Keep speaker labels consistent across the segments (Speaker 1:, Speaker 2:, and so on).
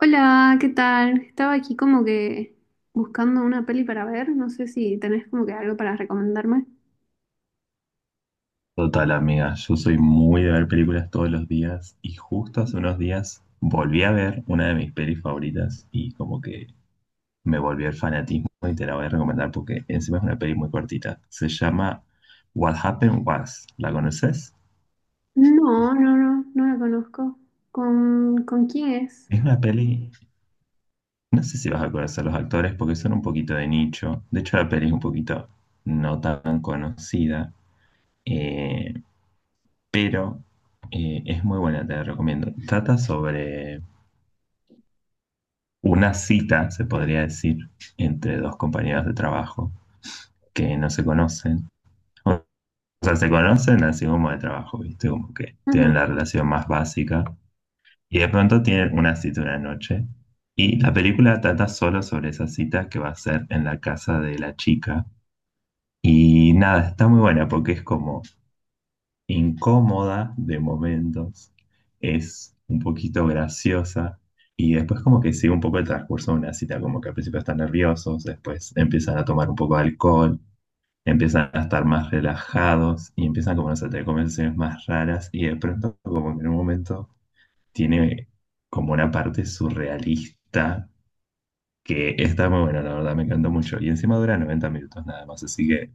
Speaker 1: Hola, ¿qué tal? Estaba aquí como que buscando una peli para ver. No sé si tenés como que algo para recomendarme.
Speaker 2: Total, amiga, yo soy muy de ver películas todos los días y justo hace unos días volví a ver una de mis pelis favoritas y como que me volvió el fanatismo y te la voy a recomendar porque encima es una peli muy cortita. Se llama What Happened Was. ¿La conoces?
Speaker 1: No, no, no, no la conozco. ¿Con quién es?
Speaker 2: Es una peli, no sé si vas a conocer los actores porque son un poquito de nicho. De hecho, la peli es un poquito no tan conocida, eh, pero es muy buena, te la recomiendo. Trata sobre una cita, se podría decir, entre dos compañeros de trabajo que no se conocen. O sea, se conocen así como de trabajo, ¿viste? Como que tienen
Speaker 1: Ujú.
Speaker 2: la relación más básica. Y de pronto tienen una cita una noche. Y la película trata solo sobre esa cita que va a ser en la casa de la chica. Y nada, está muy buena porque es como incómoda de momentos, es un poquito graciosa y después como que sigue un poco el transcurso de una cita, como que al principio están nerviosos, después empiezan a tomar un poco de alcohol, empiezan a estar más relajados y empiezan como no sé, a tener conversaciones más raras y de pronto como que en un momento tiene como una parte surrealista que está muy buena, la verdad me encantó mucho y encima dura 90 minutos nada más, así que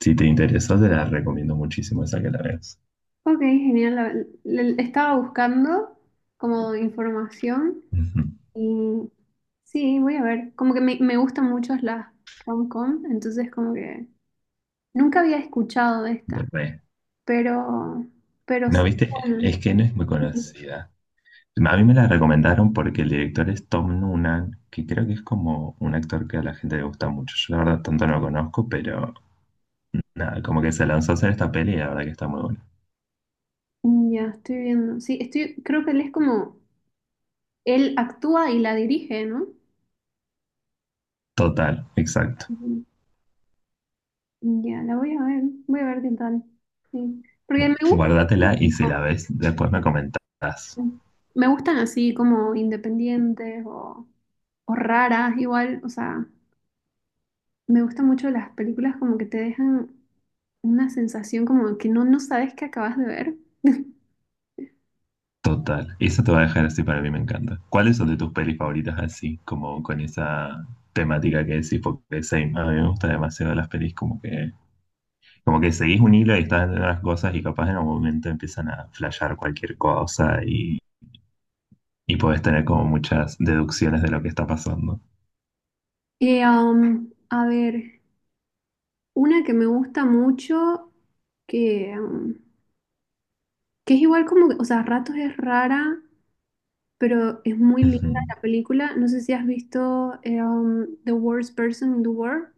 Speaker 2: si te interesó te la recomiendo muchísimo esa que la veas.
Speaker 1: Ok, genial. Estaba buscando como información
Speaker 2: Ujú.
Speaker 1: y sí, voy a ver. Como que me gustan mucho las rom-com, entonces como que nunca había escuchado de esta,
Speaker 2: Re.
Speaker 1: pero, pero sé
Speaker 2: No,
Speaker 1: que
Speaker 2: viste,
Speaker 1: bueno.
Speaker 2: es que no es muy conocida. No, a mí me la recomendaron porque el director es Tom Noonan, que creo que es como un actor que a la gente le gusta mucho. Yo la verdad tanto no lo conozco, pero nada, como que se lanzó a hacer esta peli y la verdad que está muy buena.
Speaker 1: Ya, estoy viendo. Sí, estoy, creo que él es como, él actúa y la dirige, ¿no?
Speaker 2: Total, exacto.
Speaker 1: Ujú. Ya, la voy a ver qué tal. Sí. Porque me gusta,
Speaker 2: Guárdatela y si la
Speaker 1: como-
Speaker 2: ves, después me comentás.
Speaker 1: me gustan así como independientes o raras, igual, o sea, me gustan mucho las películas como que te dejan una sensación como que no sabes qué acabas de ver.
Speaker 2: Total. Eso te va a dejar así, para mí, me encanta. ¿Cuáles son de tus pelis favoritas así, como con esa temática que decís? Porque same, a mí me gustan demasiado las pelis como que como que seguís un hilo y estás haciendo las cosas y capaz en algún momento empiezan a flashear cualquier cosa y podés tener como muchas deducciones de lo que está pasando.
Speaker 1: Y, a ver, una que me gusta mucho, que, um, que es igual como, o sea, a ratos es rara, pero es muy linda
Speaker 2: Ujú.
Speaker 1: la película. No sé si has visto The Worst Person in the World.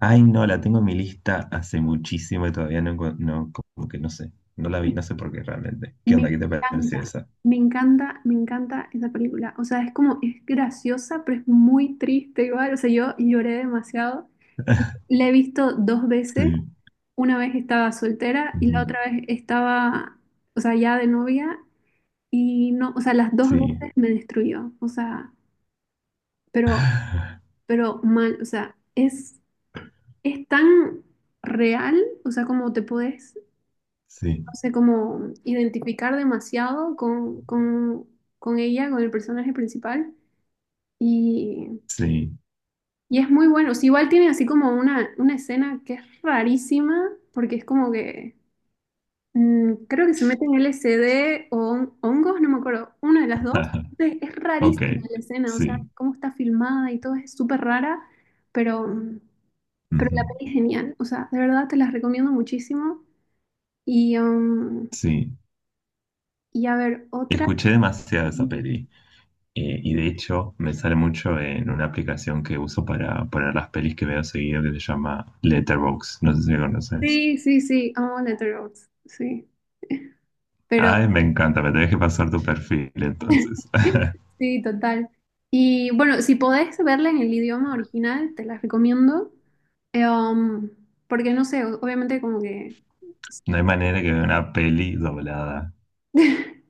Speaker 2: Ay, no, la tengo en mi lista hace muchísimo y todavía no, no, como que no sé, no la vi, no sé por qué realmente. ¿Qué
Speaker 1: Me
Speaker 2: onda? ¿Qué te
Speaker 1: encanta,
Speaker 2: pareció esa?
Speaker 1: me encanta, me encanta esa película. O sea, es como, es graciosa, pero es muy triste igual. O sea, yo lloré demasiado. La he visto dos veces.
Speaker 2: Sí,
Speaker 1: Una vez estaba soltera y
Speaker 2: ujú,
Speaker 1: la otra vez estaba, o sea, ya de novia. Y no, o sea, las dos
Speaker 2: sí,
Speaker 1: veces me destruyó. O sea, pero, pero mal. O sea, es tan real, o sea, como te puedes, no
Speaker 2: sí,
Speaker 1: sé, como identificar demasiado con, con ella, con el personaje principal. Y,
Speaker 2: sí,
Speaker 1: y es muy bueno. O sea, igual tiene así como una escena que es rarísima, porque es como que creo que se mete en LSD o hongos, no me acuerdo, una de las dos. Entonces, es
Speaker 2: ok,
Speaker 1: rarísima la escena, o sea,
Speaker 2: sí,
Speaker 1: cómo está filmada y todo es súper rara, pero, mm, pero
Speaker 2: ujú,
Speaker 1: la peli es genial. O sea, de verdad te las recomiendo muchísimo. Y, um,
Speaker 2: sí.
Speaker 1: y a ver, otra.
Speaker 2: Escuché demasiado esa peli. Y de hecho me sale mucho en una aplicación que uso para poner las pelis que veo seguido que se llama Letterboxd. No sé si la conoces.
Speaker 1: Sí, sí, sí, amo Letterboxd, sí. Pero
Speaker 2: Ay, me encanta, me tenés que pasar tu perfil entonces.
Speaker 1: sí, total. Y bueno, si podés verla en el idioma original, te la recomiendo. Eh, um, porque no sé, obviamente como que.
Speaker 2: No hay manera que vea una peli doblada.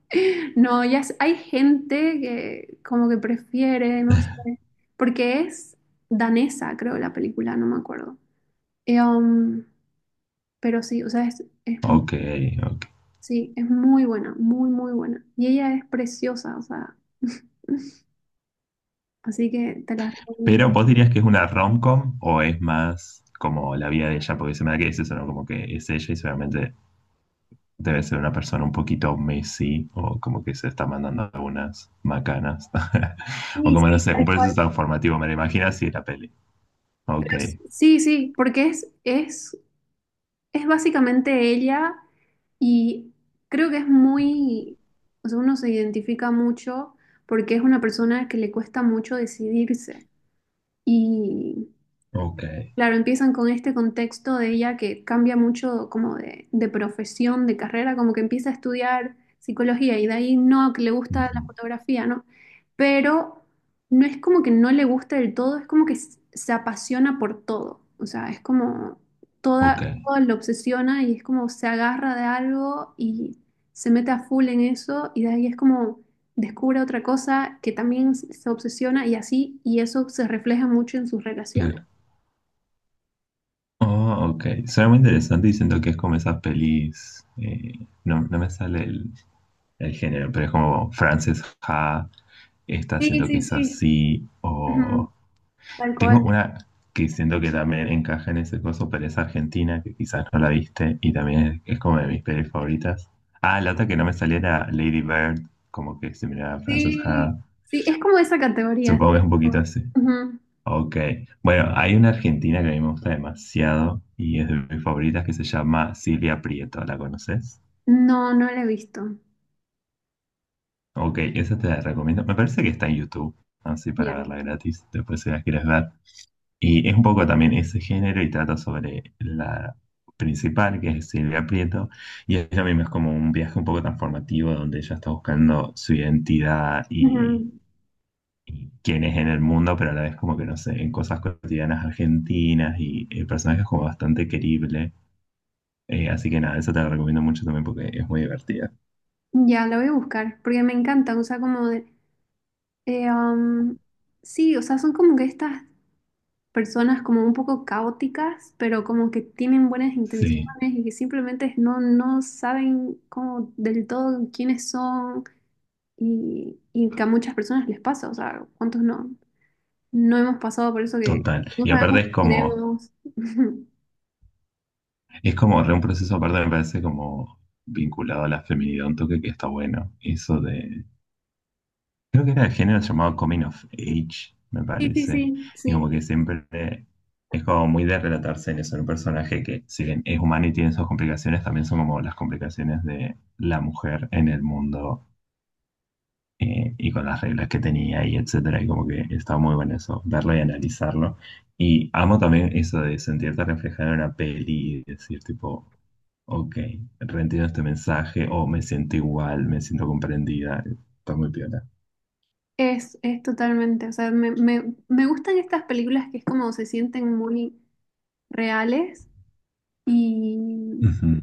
Speaker 1: No, ya sé, hay gente que como que prefiere, no sé. Porque es danesa, creo, la película, no me acuerdo. Eh, um, pero sí, o sea, es
Speaker 2: Ok, ok.
Speaker 1: Sí, es muy buena, muy, muy buena. Y ella es preciosa, o sea, así que te la recomiendo.
Speaker 2: Pero vos dirías que es una rom-com o es más como la vida de ella, porque se me da que es eso, ¿no? Como que es ella y seguramente debe ser una persona un poquito Messi o como que se está mandando algunas macanas. O
Speaker 1: Sí,
Speaker 2: como no
Speaker 1: sí,
Speaker 2: sé, un
Speaker 1: tal cual.
Speaker 2: proceso transformativo, me lo imagino así la peli.
Speaker 1: Yo
Speaker 2: Ok,
Speaker 1: Sí, sí, sí, porque es básicamente ella y creo que es muy, o sea, uno se identifica mucho porque es una persona que le cuesta mucho decidirse. Y,
Speaker 2: ok,
Speaker 1: Claro, empiezan con este contexto de ella que cambia mucho como de profesión, de carrera, como que empieza a estudiar psicología y de ahí no, que le gusta
Speaker 2: ujú,
Speaker 1: la fotografía, ¿no? Pero no es como que no le gusta del todo, es como que se apasiona por todo, o sea, es como
Speaker 2: ok,
Speaker 1: todo lo obsesiona y es como se agarra de algo y se mete a full en eso y de ahí es como descubre otra cosa que también se obsesiona y así, y eso se refleja mucho en sus relaciones.
Speaker 2: claro. Oh, ok, suena muy interesante y siento que es como esas pelis, no, no me sale el género, pero es como Frances Ha, esta
Speaker 1: Sí,
Speaker 2: siento que
Speaker 1: sí,
Speaker 2: es
Speaker 1: sí.
Speaker 2: así.
Speaker 1: Ujú. Tal
Speaker 2: Tengo
Speaker 1: cual.
Speaker 2: una que siento que también encaja en ese coso, pero es argentina, que quizás no la viste, y también es como de mis pelis favoritas. Ah, la otra que no me salía era Lady Bird, como que se miraba a Frances
Speaker 1: Sí,
Speaker 2: Ha.
Speaker 1: sí, es como esa categoría.
Speaker 2: Supongo que
Speaker 1: Sí.
Speaker 2: es un poquito así.
Speaker 1: Ujú.
Speaker 2: Ok. Bueno, hay una argentina que a mí me gusta demasiado y es de mis favoritas que se llama Silvia Prieto. ¿La conoces?
Speaker 1: No, no la he visto.
Speaker 2: Ok, esa te la recomiendo. Me parece que está en YouTube, así para
Speaker 1: Ya.
Speaker 2: verla gratis, después si la quieres ver. Y es un poco también ese género y trata sobre la principal, que es Silvia Prieto, y ella misma es como un viaje un poco transformativo donde ella está buscando su identidad
Speaker 1: Ujú.
Speaker 2: y quién es en el mundo, pero a la vez como que no sé, en cosas cotidianas argentinas y el personaje es como bastante querible. Así que nada, eso te lo recomiendo mucho también porque es muy divertida.
Speaker 1: Ya, la voy a buscar, porque me encanta, o sea, como de... eh, am, sí, o sea, son como que estas personas como un poco caóticas, pero como que tienen buenas intenciones
Speaker 2: Sí,
Speaker 1: y que simplemente no saben como del todo quiénes son y que a muchas personas les pasa, o sea, ¿cuántos no? No hemos pasado por eso que
Speaker 2: total.
Speaker 1: no
Speaker 2: Y aparte
Speaker 1: sabemos qué queremos.
Speaker 2: es como re un proceso, aparte me parece como vinculado a la feminidad, un toque que está bueno. Eso de creo que era el género llamado Coming of Age, me
Speaker 1: Sí, sí,
Speaker 2: parece.
Speaker 1: sí,
Speaker 2: Y
Speaker 1: sí.
Speaker 2: como que siempre es como muy de relatarse en eso, en un personaje que, si bien es humano y tiene sus complicaciones, también son como las complicaciones de la mujer en el mundo, y con las reglas que tenía y etcétera. Y como que está muy bueno eso, verlo y analizarlo. Y amo también eso de sentirte reflejado en una peli y decir, tipo, ok, reentiendo este mensaje o me siento igual, me siento comprendida. Está muy piola.
Speaker 1: Es totalmente. O sea, me gustan estas películas que es como se sienten muy reales y,
Speaker 2: Ujú,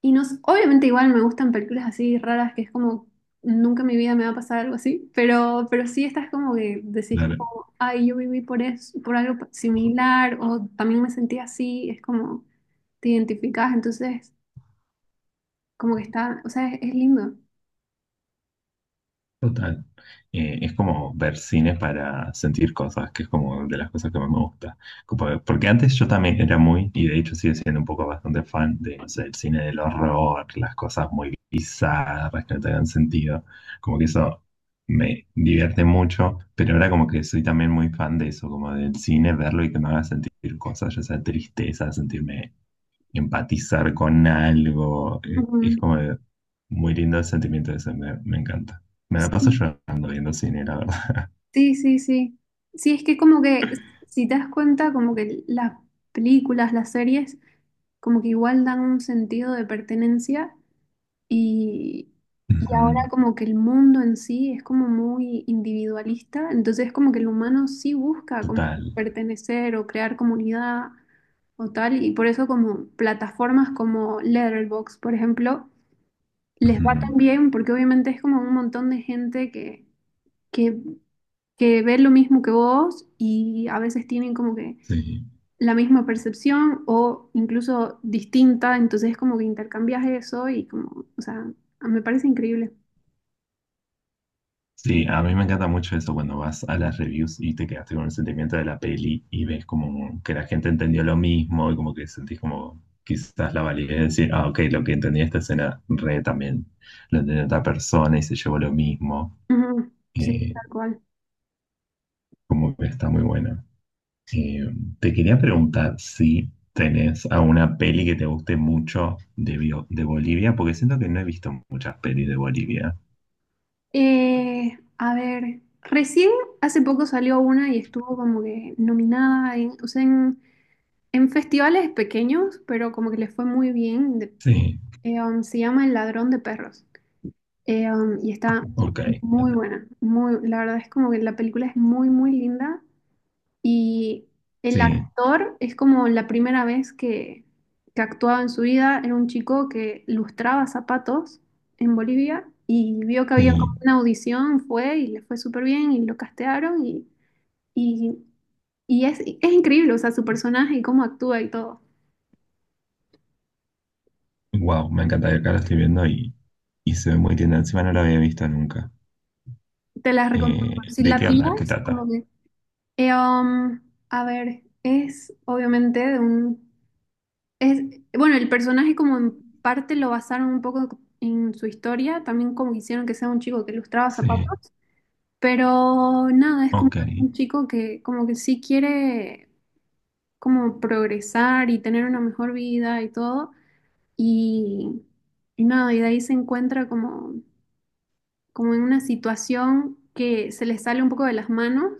Speaker 1: y no, obviamente igual me gustan películas así raras que es como nunca en mi vida me va a pasar algo así, pero sí estas como que decís
Speaker 2: claro.
Speaker 1: como, ay, yo viví por eso, por algo similar o también me sentí así, es como te identificás, entonces como que está, o sea, es lindo.
Speaker 2: Total. Es como ver cine para sentir cosas, que es como de las cosas que más me gusta. Porque antes yo también era muy, y de hecho sigo siendo un poco bastante fan de, no sé, el cine del horror, las cosas muy bizarras que no tengan sentido. Como que eso me divierte mucho, pero ahora como que soy también muy fan de eso, como del cine, verlo y que me haga sentir cosas, ya sea tristeza, sentirme empatizar con algo.
Speaker 1: Ujú.
Speaker 2: Es muy lindo el sentimiento de eso, me encanta. Me la paso
Speaker 1: Sí,
Speaker 2: llorando viendo cine, la verdad.
Speaker 1: sí, sí, sí. Sí, es que como que, si te das cuenta, como que las películas, las series, como que igual dan un sentido de pertenencia y, y ahora
Speaker 2: Ujú,
Speaker 1: como que el mundo en sí es como muy individualista, entonces como que el humano sí busca como
Speaker 2: total.
Speaker 1: pertenecer o crear comunidad o tal, y por eso como plataformas como Letterboxd, por ejemplo, les
Speaker 2: Ujú,
Speaker 1: va tan bien porque obviamente es como un montón de gente que que ven lo mismo que vos y a veces tienen como que
Speaker 2: sí.
Speaker 1: la misma percepción o incluso distinta, entonces como que intercambias eso y como, o sea, me parece increíble.
Speaker 2: Sí, a mí me encanta mucho eso cuando vas a las reviews y te quedaste con el sentimiento de la peli y ves como que la gente entendió lo mismo y como que sentís como quizás la validez de decir, ah, ok, lo que entendí de esta escena re también lo entendió otra persona y se llevó lo mismo.
Speaker 1: Ujú, sí,
Speaker 2: Eh,
Speaker 1: tal cual.
Speaker 2: Como que está muy buena. Eh, Te quería preguntar si tenés alguna peli que te guste mucho de, de Bolivia, porque siento que no he visto muchas pelis de Bolivia.
Speaker 1: A ver, recién hace poco salió una y estuvo como que nominada en, o sea, en festivales pequeños, pero como que les fue muy bien. de-
Speaker 2: Sí,
Speaker 1: eh, um, se llama El Ladrón de Perros. Y está
Speaker 2: ok.
Speaker 1: muy buena, muy, la verdad es como que la película es muy, muy linda y el
Speaker 2: Sí,
Speaker 1: actor es como la primera vez que actuaba en su vida, era un chico que lustraba zapatos en Bolivia y vio que había como
Speaker 2: sí.
Speaker 1: una audición, fue y le fue súper bien y lo castearon y, y es increíble, o sea, su personaje y cómo actúa y todo.
Speaker 2: Wow, me encanta. Acá la estoy viendo y se ve muy linda. Encima no la había visto nunca.
Speaker 1: Te la recomiendo. Si
Speaker 2: ¿De
Speaker 1: la
Speaker 2: qué onda? ¿Qué
Speaker 1: pillas, como
Speaker 2: trata?
Speaker 1: que. eh, um, a ver, es obviamente de un. Es, bueno, el personaje como en parte lo basaron un poco en su historia, también como hicieron que sea un chico que lustraba
Speaker 2: Sí,
Speaker 1: zapatos, pero nada, es como
Speaker 2: ok.
Speaker 1: un chico que como que sí quiere como progresar y tener una mejor vida y todo, y, y nada, y de ahí se encuentra como en una situación que se le sale un poco de las manos.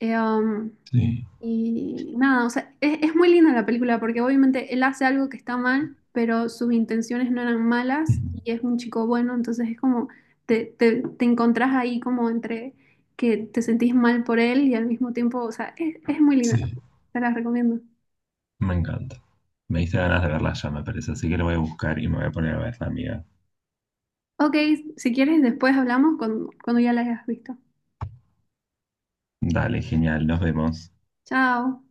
Speaker 1: Eh, um,
Speaker 2: Sí,
Speaker 1: y nada, o sea, es muy linda la película porque obviamente él hace algo que está mal, pero sus intenciones no eran
Speaker 2: ujú,
Speaker 1: malas y es un chico bueno, entonces es como te encontrás ahí como entre que te sentís mal por él y al mismo tiempo, o sea, es muy linda la
Speaker 2: sí.
Speaker 1: película, te la recomiendo.
Speaker 2: Me encanta. Me diste ganas de verla ya, me parece. Así que lo voy a buscar y me voy a poner a verla, amiga.
Speaker 1: Ok, si quieres después hablamos cuando, ya la hayas visto.
Speaker 2: Dale, genial. Nos vemos.
Speaker 1: Chao.